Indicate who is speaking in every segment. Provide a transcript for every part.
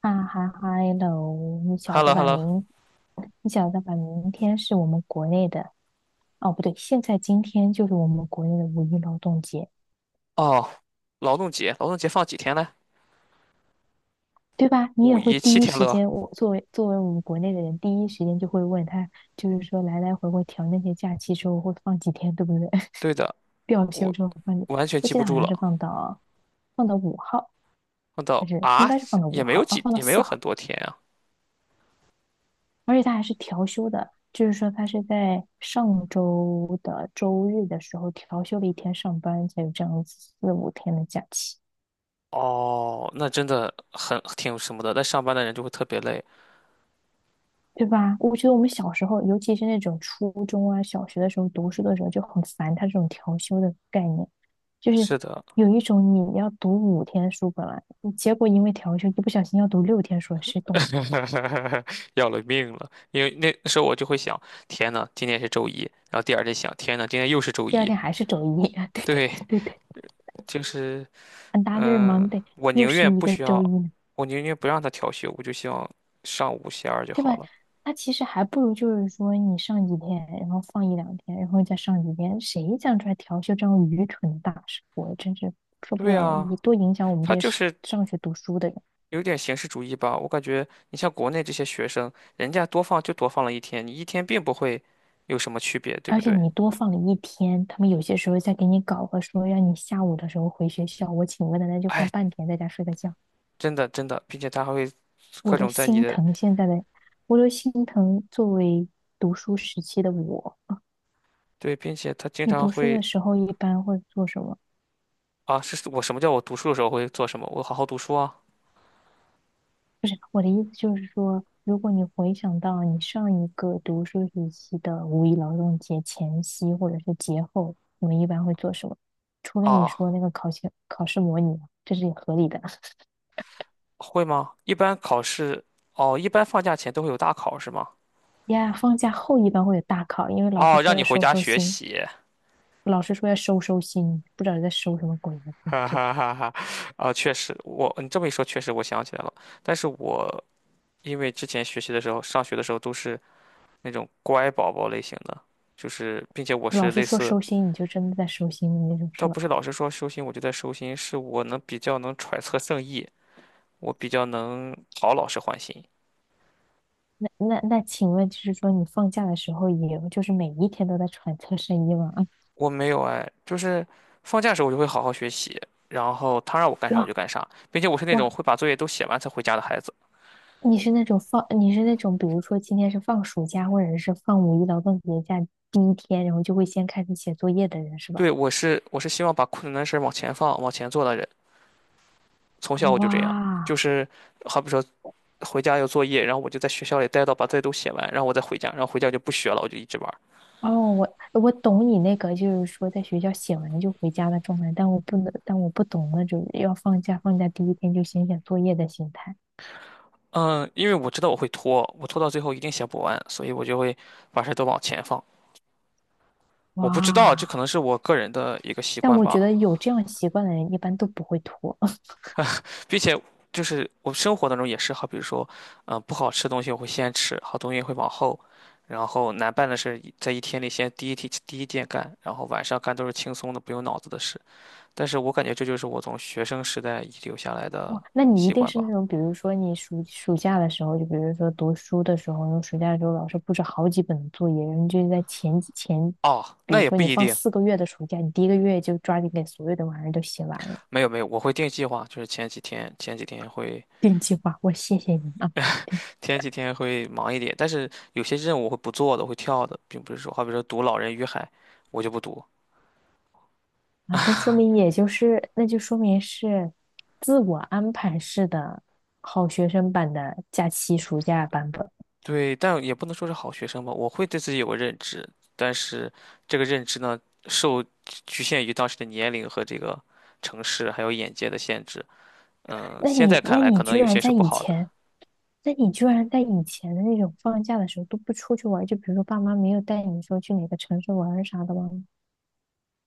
Speaker 1: 啊哈哈 h e 你
Speaker 2: h e
Speaker 1: 晓
Speaker 2: l l
Speaker 1: 得
Speaker 2: o h e l
Speaker 1: 吧？
Speaker 2: l o
Speaker 1: 你晓得吧？明天是我们国内的，哦，不对，现在今天就是我们国内的五一劳动节，
Speaker 2: 哦，劳动节，劳动节放几天呢？
Speaker 1: 对吧？你
Speaker 2: 五
Speaker 1: 也会
Speaker 2: 一七
Speaker 1: 第一
Speaker 2: 天
Speaker 1: 时
Speaker 2: 乐。
Speaker 1: 间，我作为我们国内的人，第一时间就会问他，就是说来来回回调那些假期之后会放几天，对不对？
Speaker 2: 对的，
Speaker 1: 调休
Speaker 2: 我
Speaker 1: 之后
Speaker 2: 完全
Speaker 1: 我
Speaker 2: 记
Speaker 1: 记
Speaker 2: 不
Speaker 1: 得好
Speaker 2: 住
Speaker 1: 像是
Speaker 2: 了。
Speaker 1: 放到五号，
Speaker 2: 我
Speaker 1: 还
Speaker 2: 到
Speaker 1: 是应
Speaker 2: 啊，
Speaker 1: 该是放到五
Speaker 2: 也没有
Speaker 1: 号啊，
Speaker 2: 几，
Speaker 1: 放到
Speaker 2: 也没
Speaker 1: 四
Speaker 2: 有很
Speaker 1: 号。
Speaker 2: 多天啊。
Speaker 1: 而且他还是调休的，就是说他是在上周的周日的时候调休了一天上班，才有这样子四五天的假期，
Speaker 2: 哦，那真的很挺什么的，但上班的人就会特别累。
Speaker 1: 对吧？我觉得我们小时候，尤其是那种初中啊、小学的时候读书的时候就很烦他这种调休的概念，就是
Speaker 2: 是的，
Speaker 1: 有一种你要读五天书本来，结果因为调休一不小心要读六天书，谁懂？
Speaker 2: 要了命了。因为那时候我就会想，天呐，今天是周一，然后第二天想，天呐，今天又是周
Speaker 1: 第二
Speaker 2: 一。
Speaker 1: 天还是周一，对对对
Speaker 2: 对，
Speaker 1: 对对
Speaker 2: 就是
Speaker 1: a n other
Speaker 2: 嗯，
Speaker 1: Monday
Speaker 2: 我
Speaker 1: 又
Speaker 2: 宁
Speaker 1: 是
Speaker 2: 愿
Speaker 1: 一
Speaker 2: 不
Speaker 1: 个
Speaker 2: 需
Speaker 1: 周一
Speaker 2: 要，
Speaker 1: 呢。
Speaker 2: 我宁愿不让他调休，我就希望上五休二就
Speaker 1: 对吧？
Speaker 2: 好了。
Speaker 1: 他其实还不如就是说你上几天，然后放一两天，然后再上几天，谁想出来调休这样愚蠢的大事？我真是受不
Speaker 2: 对
Speaker 1: 了了！
Speaker 2: 啊，
Speaker 1: 你多影响我们
Speaker 2: 他
Speaker 1: 这些
Speaker 2: 就
Speaker 1: 是
Speaker 2: 是
Speaker 1: 上学读书的人，
Speaker 2: 有点形式主义吧。我感觉你像国内这些学生，人家多放就多放了一天，你一天并不会有什么区别，对
Speaker 1: 而
Speaker 2: 不
Speaker 1: 且
Speaker 2: 对？
Speaker 1: 你多放了一天，他们有些时候再给你搞个说让你下午的时候回学校，我请个奶奶就放
Speaker 2: 哎，
Speaker 1: 半天，在家睡个觉，
Speaker 2: 真的真的，并且他还会
Speaker 1: 我
Speaker 2: 各
Speaker 1: 都
Speaker 2: 种在你
Speaker 1: 心
Speaker 2: 的，
Speaker 1: 疼现在的，我都心疼作为读书时期的我。
Speaker 2: 对，并且他经
Speaker 1: 你
Speaker 2: 常
Speaker 1: 读书的
Speaker 2: 会
Speaker 1: 时候一般会做什么？
Speaker 2: 啊，是我什么叫我读书的时候会做什么？我好好读书啊
Speaker 1: 不是，我的意思就是说，如果你回想到你上一个读书时期的五一劳动节前夕或者是节后，你们一般会做什么？除了你
Speaker 2: 啊，
Speaker 1: 说那个考前考试模拟，这是合理的。
Speaker 2: 会吗？一般考试哦，一般放假前都会有大考是吗？
Speaker 1: 呀，放假后一般会有大考，因为老师
Speaker 2: 哦，
Speaker 1: 说
Speaker 2: 让你
Speaker 1: 要
Speaker 2: 回
Speaker 1: 收
Speaker 2: 家
Speaker 1: 收
Speaker 2: 学
Speaker 1: 心，
Speaker 2: 习，
Speaker 1: 老师说要收收心，不知道你在收什么鬼呢？你
Speaker 2: 哈
Speaker 1: 这
Speaker 2: 哈哈哈。啊，确实，我你这么一说，确实我想起来了。但是我因为之前学习的时候，上学的时候都是那种乖宝宝类型的，就是并且我
Speaker 1: 老
Speaker 2: 是
Speaker 1: 师
Speaker 2: 类
Speaker 1: 说
Speaker 2: 似，
Speaker 1: 收心，你就真的在收心的那种，是
Speaker 2: 倒
Speaker 1: 吧？
Speaker 2: 不是老师说收心我就在收心，是我能比较能揣测圣意，我比较能讨老师欢心。
Speaker 1: 那，请问就是说，你放假的时候也就是每一天都在揣测深夜吗？啊，
Speaker 2: 我没有哎，就是放假的时候我就会好好学习，然后他让我干啥我
Speaker 1: 哇
Speaker 2: 就干啥，并且我是那种
Speaker 1: 哇。
Speaker 2: 会把作业都写完才回家的孩子。
Speaker 1: 你是那种放，你是那种，比如说今天是放暑假，或者是放五一劳动节假第一天，然后就会先开始写作业的人是吧？
Speaker 2: 对，我是我是希望把困难的事儿往前放、往前做的人，从小我就这样，就
Speaker 1: 哇，
Speaker 2: 是好比说回家有作业，然后我就在学校里待到把作业都写完，然后我再回家，然后回家就不学了，我就一直玩儿。
Speaker 1: 哦，我懂你那个，就是说在学校写完就回家的状态，但我不能，但我不懂那种要放假，放假第一天就先写作业的心态。
Speaker 2: 嗯，因为我知道我会拖，我拖到最后一定写不完，所以我就会把事儿都往前放。我不知道，这可
Speaker 1: 哇，
Speaker 2: 能是我个人的一个习
Speaker 1: 但
Speaker 2: 惯
Speaker 1: 我觉
Speaker 2: 吧，
Speaker 1: 得有这样习惯的人一般都不会拖。
Speaker 2: 并且就是我生活当中也是，好比如说，不好吃的东西我会先吃，好东西会往后，然后难办的事在一天里先第一天第一件干，然后晚上干都是轻松的不用脑子的事。但是我感觉这就是我从学生时代遗留下来的
Speaker 1: 哇，那你一
Speaker 2: 习
Speaker 1: 定
Speaker 2: 惯
Speaker 1: 是
Speaker 2: 吧。
Speaker 1: 那种，比如说你暑假的时候，就比如说读书的时候，你暑假的时候老师布置好几本作业，然后你就在前几前，
Speaker 2: 哦，
Speaker 1: 比
Speaker 2: 那
Speaker 1: 如
Speaker 2: 也
Speaker 1: 说
Speaker 2: 不
Speaker 1: 你
Speaker 2: 一
Speaker 1: 放
Speaker 2: 定，
Speaker 1: 四个月的暑假，你第一个月就抓紧给所有的玩意儿都写完了，
Speaker 2: 没有没有，我会定计划，就是前几天前几天会
Speaker 1: 定计划，我谢谢你啊，对
Speaker 2: 前几天会忙一点，但是有些任务我会不做的，我会跳的，并不是说，好比说读《老人与海》，我就不读。
Speaker 1: 啊，那说明也就是，那就说明是自我安排式的好学生版的假期暑假版本。
Speaker 2: 对，但也不能说是好学生吧，我会对自己有个认知，但是这个认知呢，受局限于当时的年龄和这个城市还有眼界的限制。嗯，
Speaker 1: 那
Speaker 2: 现
Speaker 1: 你
Speaker 2: 在看
Speaker 1: 那
Speaker 2: 来
Speaker 1: 你
Speaker 2: 可能
Speaker 1: 居
Speaker 2: 有
Speaker 1: 然
Speaker 2: 些
Speaker 1: 在
Speaker 2: 是不
Speaker 1: 以
Speaker 2: 好的。
Speaker 1: 前。那你居然在以前的那种放假的时候都不出去玩就比如说爸妈没有带你说去哪个城市玩儿啥的吗？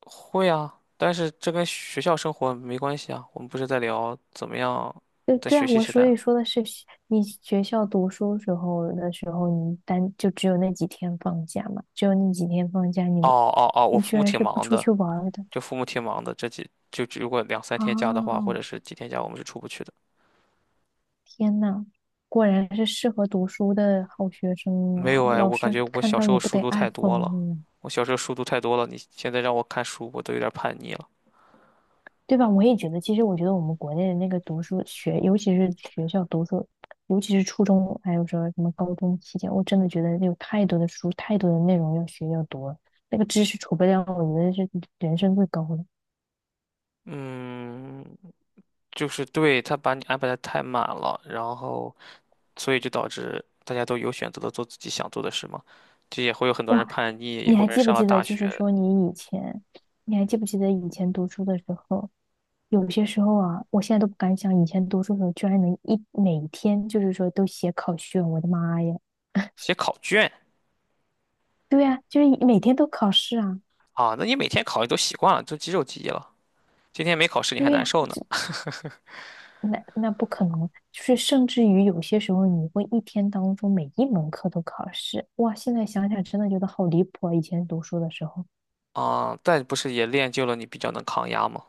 Speaker 2: 会啊，但是这跟学校生活没关系啊，我们不是在聊怎么样
Speaker 1: 对
Speaker 2: 在
Speaker 1: 对
Speaker 2: 学
Speaker 1: 啊，
Speaker 2: 习
Speaker 1: 我
Speaker 2: 时
Speaker 1: 所
Speaker 2: 代。
Speaker 1: 以说的是你学校读书时候的时候，你单就只有那几天放假嘛，只有那几天放假
Speaker 2: 哦
Speaker 1: 你，
Speaker 2: 哦哦，我
Speaker 1: 你
Speaker 2: 父
Speaker 1: 居
Speaker 2: 母
Speaker 1: 然
Speaker 2: 挺
Speaker 1: 是不
Speaker 2: 忙
Speaker 1: 出
Speaker 2: 的，
Speaker 1: 去玩儿的
Speaker 2: 就父母挺忙的，这几就如果两三天假的话，或
Speaker 1: 啊！
Speaker 2: 者是几天假，我们是出不去的。
Speaker 1: 天呐，果然是适合读书的好学生
Speaker 2: 没
Speaker 1: 啊！
Speaker 2: 有哎，
Speaker 1: 老
Speaker 2: 我感
Speaker 1: 师
Speaker 2: 觉我
Speaker 1: 看
Speaker 2: 小
Speaker 1: 到
Speaker 2: 时候
Speaker 1: 你不
Speaker 2: 书
Speaker 1: 得
Speaker 2: 读
Speaker 1: 爱
Speaker 2: 太多
Speaker 1: 疯
Speaker 2: 了，
Speaker 1: 了呀
Speaker 2: 我小时候书读太多了，你现在让我看书，我都有点叛逆了。
Speaker 1: 对吧？我也觉得，其实我觉得我们国内的那个读书学，尤其是学校读书，尤其是初中，还有说什么高中期间，我真的觉得有太多的书，太多的内容要学要读了，那个知识储备量，我觉得是人生最高的。
Speaker 2: 嗯，就是对他把你安排的太满了，然后所以就导致大家都有选择的做自己想做的事嘛，这也会有很多人
Speaker 1: 哇，
Speaker 2: 叛逆，也
Speaker 1: 你
Speaker 2: 会有
Speaker 1: 还
Speaker 2: 人
Speaker 1: 记不
Speaker 2: 上了
Speaker 1: 记得，
Speaker 2: 大
Speaker 1: 就是
Speaker 2: 学
Speaker 1: 说你以前，你还记不记得以前读书的时候，有些时候啊，我现在都不敢想，以前读书的时候居然能一每天就是说都写考卷，我的妈呀！
Speaker 2: 写考卷
Speaker 1: 对呀，就是每天都考试啊。
Speaker 2: 啊，那你每天考你都习惯了，都肌肉记忆了，今天没考试你还
Speaker 1: 对
Speaker 2: 难
Speaker 1: 呀、
Speaker 2: 受呢。
Speaker 1: 那不可能，就是甚至于有些时候你会一天当中每一门课都考试，哇！现在想想真的觉得好离谱啊，以前读书的时候，
Speaker 2: 啊，但不是也练就了你比较能抗压吗？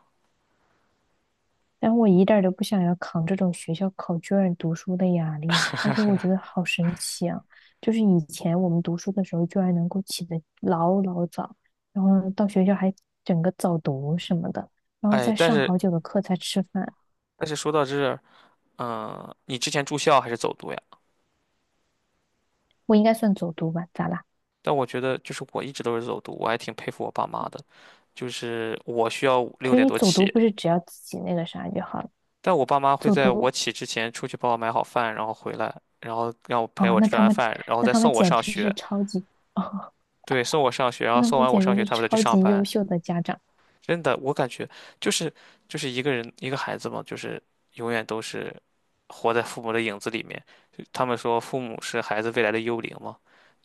Speaker 1: 但我一点儿都不想要扛这种学校考卷读书的压力啊，而且我觉得好神奇啊，就是以前我们读书的时候居然能够起得老老早，然后呢到学校还整个早读什么的，然后
Speaker 2: 哎，
Speaker 1: 再
Speaker 2: 但
Speaker 1: 上
Speaker 2: 是
Speaker 1: 好久的课才吃饭，
Speaker 2: 但是说到这儿你之前住校还是走读呀？
Speaker 1: 我应该算走读吧？咋啦？
Speaker 2: 但我觉得就是我一直都是走读，我还挺佩服我爸妈的。就是我需要
Speaker 1: 可
Speaker 2: 六
Speaker 1: 是
Speaker 2: 点
Speaker 1: 你
Speaker 2: 多
Speaker 1: 走读
Speaker 2: 起，
Speaker 1: 不是只要自己那个啥就好了？
Speaker 2: 但我爸妈会
Speaker 1: 走
Speaker 2: 在我
Speaker 1: 读
Speaker 2: 起之前出去帮我买好饭，然后回来，然后让我陪
Speaker 1: 哦，
Speaker 2: 我
Speaker 1: 那
Speaker 2: 吃
Speaker 1: 他
Speaker 2: 完
Speaker 1: 们，
Speaker 2: 饭，然后
Speaker 1: 那
Speaker 2: 再
Speaker 1: 他们
Speaker 2: 送我
Speaker 1: 简
Speaker 2: 上
Speaker 1: 直是
Speaker 2: 学。
Speaker 1: 超级 哦，
Speaker 2: 对，送我上学，然
Speaker 1: 那
Speaker 2: 后
Speaker 1: 他
Speaker 2: 送
Speaker 1: 们
Speaker 2: 完我
Speaker 1: 简
Speaker 2: 上
Speaker 1: 直
Speaker 2: 学，
Speaker 1: 是
Speaker 2: 他们再去
Speaker 1: 超
Speaker 2: 上
Speaker 1: 级优
Speaker 2: 班。
Speaker 1: 秀的家长。
Speaker 2: 真的，我感觉就是就是一个人一个孩子嘛，就是永远都是活在父母的影子里面。就他们说父母是孩子未来的幽灵嘛，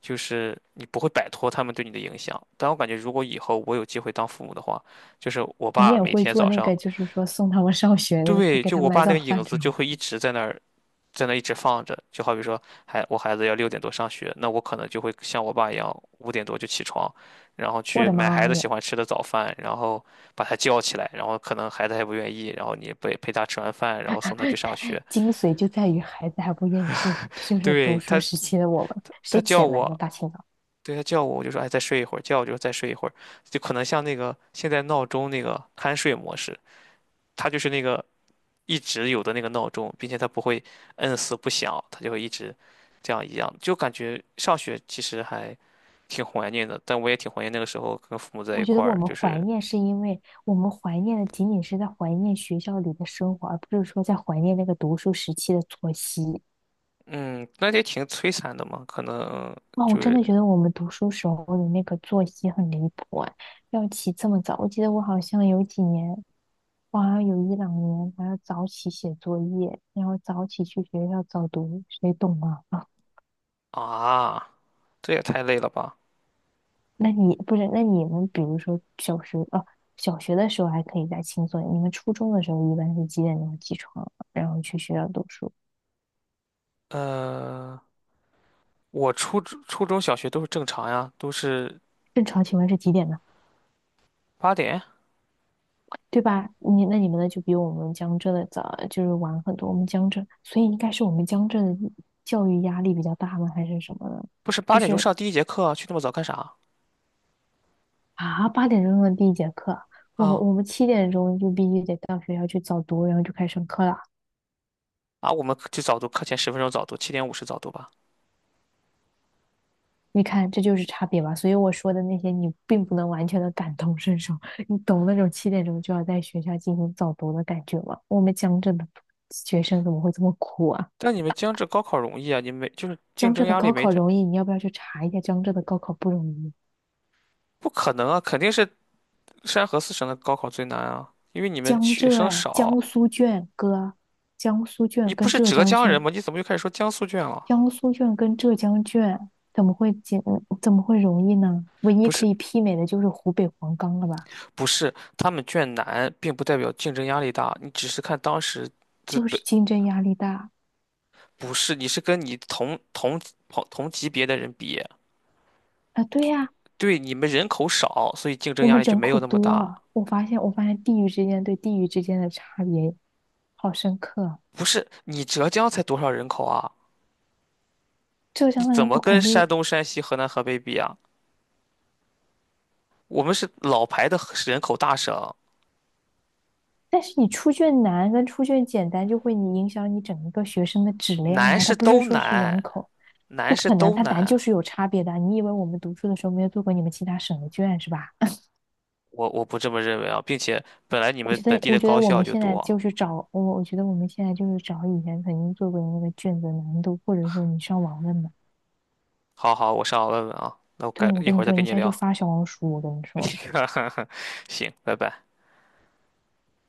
Speaker 2: 就是你不会摆脱他们对你的影响。但我感觉如果以后我有机会当父母的话，就是我
Speaker 1: 你
Speaker 2: 爸
Speaker 1: 也
Speaker 2: 每
Speaker 1: 会
Speaker 2: 天
Speaker 1: 做
Speaker 2: 早
Speaker 1: 那
Speaker 2: 上，
Speaker 1: 个，就是说送他们上学的，给
Speaker 2: 对，
Speaker 1: 给
Speaker 2: 就
Speaker 1: 他
Speaker 2: 我爸
Speaker 1: 买
Speaker 2: 那个
Speaker 1: 早
Speaker 2: 影
Speaker 1: 饭
Speaker 2: 子
Speaker 1: 这
Speaker 2: 就
Speaker 1: 种。
Speaker 2: 会一直在那儿。在那一直放着，就好比说，孩我孩子要六点多上学，那我可能就会像我爸一样，5点多就起床，然后
Speaker 1: 我
Speaker 2: 去
Speaker 1: 的
Speaker 2: 买孩
Speaker 1: 妈
Speaker 2: 子
Speaker 1: 呀，
Speaker 2: 喜欢吃的早饭，然后把他叫起来，然后可能孩子还不愿意，然后你陪陪他吃完饭，然后送他去 上
Speaker 1: 太
Speaker 2: 学。
Speaker 1: 精髓就在于孩子还不愿意对，这就是读
Speaker 2: 对，
Speaker 1: 书
Speaker 2: 他，
Speaker 1: 时期的我们，
Speaker 2: 他
Speaker 1: 谁起
Speaker 2: 叫
Speaker 1: 得来呢？
Speaker 2: 我，
Speaker 1: 大清早，
Speaker 2: 对他叫我，我就说哎再睡一会儿，叫我就说再睡一会儿，就可能像那个现在闹钟那个酣睡模式，他就是那个一直有的那个闹钟，并且它不会摁死不响，它就会一直这样一样，就感觉上学其实还挺怀念的，但我也挺怀念那个时候跟父母在
Speaker 1: 我
Speaker 2: 一
Speaker 1: 觉得
Speaker 2: 块
Speaker 1: 我
Speaker 2: 儿，
Speaker 1: 们
Speaker 2: 就是
Speaker 1: 怀念是因为我们怀念的仅仅是在怀念学校里的生活，而不是说在怀念那个读书时期的作息。
Speaker 2: 嗯，那也挺摧残的嘛，可能
Speaker 1: 哇，我
Speaker 2: 就
Speaker 1: 真的
Speaker 2: 是
Speaker 1: 觉得我们读书时候的那个作息很离谱哎，要起这么早。我记得我好像有几年，我好像有一两年还要早起写作业，然后早起去学校早读，谁懂啊？啊，
Speaker 2: 啊，这也太累了吧？
Speaker 1: 那你不是？那你们比如说小学啊，小学的时候还可以再轻松一点你们初中的时候一般是几点钟起床，然后去学校读书？
Speaker 2: 呃，我初中小学都是正常呀，都是
Speaker 1: 正常情况是几点呢？
Speaker 2: 八点，
Speaker 1: 对吧？你那你们呢？就比我们江浙的早，就是晚很多。我们江浙，所以应该是我们江浙的教育压力比较大吗？还是什么呢？
Speaker 2: 不是八
Speaker 1: 就
Speaker 2: 点钟
Speaker 1: 是
Speaker 2: 上第一节课啊去那么早干啥
Speaker 1: 啊，八点钟的第一节课，我们
Speaker 2: 啊？
Speaker 1: 我们七点钟就必须得到学校去早读，然后就开始上课了。
Speaker 2: 啊，我们去早读，课前10分钟早读，7:50早读吧。
Speaker 1: 你看，这就是差别吧。所以我说的那些，你并不能完全的感同身受。你懂那种七点钟就要在学校进行早读的感觉吗？我们江浙的学生怎么会这么苦啊？
Speaker 2: 但你们江浙高考容易啊，你没就是竞
Speaker 1: 江浙
Speaker 2: 争
Speaker 1: 的
Speaker 2: 压力
Speaker 1: 高
Speaker 2: 没
Speaker 1: 考
Speaker 2: 这，
Speaker 1: 容易，你要不要去查一下江浙的高考不容易？
Speaker 2: 不可能啊，肯定是山河四省的高考最难啊，因为你们
Speaker 1: 江
Speaker 2: 学
Speaker 1: 浙
Speaker 2: 生
Speaker 1: 哎，江
Speaker 2: 少。
Speaker 1: 苏卷哥，江苏
Speaker 2: 你
Speaker 1: 卷
Speaker 2: 不
Speaker 1: 跟
Speaker 2: 是
Speaker 1: 浙
Speaker 2: 浙
Speaker 1: 江
Speaker 2: 江人
Speaker 1: 卷，
Speaker 2: 吗？你怎么又开始说江苏卷了？
Speaker 1: 江苏卷跟浙江卷怎么会简怎么会容易呢？唯一
Speaker 2: 不
Speaker 1: 可
Speaker 2: 是，
Speaker 1: 以媲美的就是湖北黄冈了吧？
Speaker 2: 不是，他们卷难，并不代表竞争压力大，你只是看当时资
Speaker 1: 就
Speaker 2: 本，
Speaker 1: 是竞争压力大
Speaker 2: 不是，你是跟你同级别的人比，
Speaker 1: 啊，对呀、
Speaker 2: 对，你们人口少，所以竞争
Speaker 1: 我
Speaker 2: 压
Speaker 1: 们
Speaker 2: 力就
Speaker 1: 人
Speaker 2: 没有
Speaker 1: 口
Speaker 2: 那么
Speaker 1: 多
Speaker 2: 大。
Speaker 1: 啊我发现我发现地域之间对地域之间的差别好深刻啊
Speaker 2: 不是，你浙江才多少人口啊？
Speaker 1: 浙
Speaker 2: 你
Speaker 1: 江的
Speaker 2: 怎
Speaker 1: 人
Speaker 2: 么
Speaker 1: 口
Speaker 2: 跟
Speaker 1: 肯
Speaker 2: 山
Speaker 1: 定
Speaker 2: 东、山西、河南、河北比啊？我们是老牌的人口大省，
Speaker 1: 但是你出卷难跟出卷简单就会你影响你整个学生的质量
Speaker 2: 难
Speaker 1: 啊，它
Speaker 2: 是
Speaker 1: 不是
Speaker 2: 都
Speaker 1: 说是人
Speaker 2: 难，
Speaker 1: 口，
Speaker 2: 难
Speaker 1: 不
Speaker 2: 是
Speaker 1: 可能，
Speaker 2: 都
Speaker 1: 它难
Speaker 2: 难。
Speaker 1: 就是有差别的啊。你以为我们读书的时候没有做过你们其他省的卷是吧？
Speaker 2: 我不这么认为啊，并且本来你
Speaker 1: 我
Speaker 2: 们
Speaker 1: 觉得，
Speaker 2: 本地
Speaker 1: 我
Speaker 2: 的
Speaker 1: 觉
Speaker 2: 高
Speaker 1: 得我
Speaker 2: 校
Speaker 1: 们
Speaker 2: 就
Speaker 1: 现在就
Speaker 2: 多。
Speaker 1: 是找我，我觉得我们现在就是找以前曾经做过的那个卷子难度，或者说你上网问的。
Speaker 2: 好好，我上网问问啊，那我改
Speaker 1: 对，我
Speaker 2: 一
Speaker 1: 跟
Speaker 2: 会
Speaker 1: 你
Speaker 2: 儿再
Speaker 1: 说，
Speaker 2: 跟
Speaker 1: 你
Speaker 2: 你
Speaker 1: 现在就
Speaker 2: 聊。
Speaker 1: 发小红书，我跟你
Speaker 2: 你
Speaker 1: 说。
Speaker 2: 看，行，拜拜。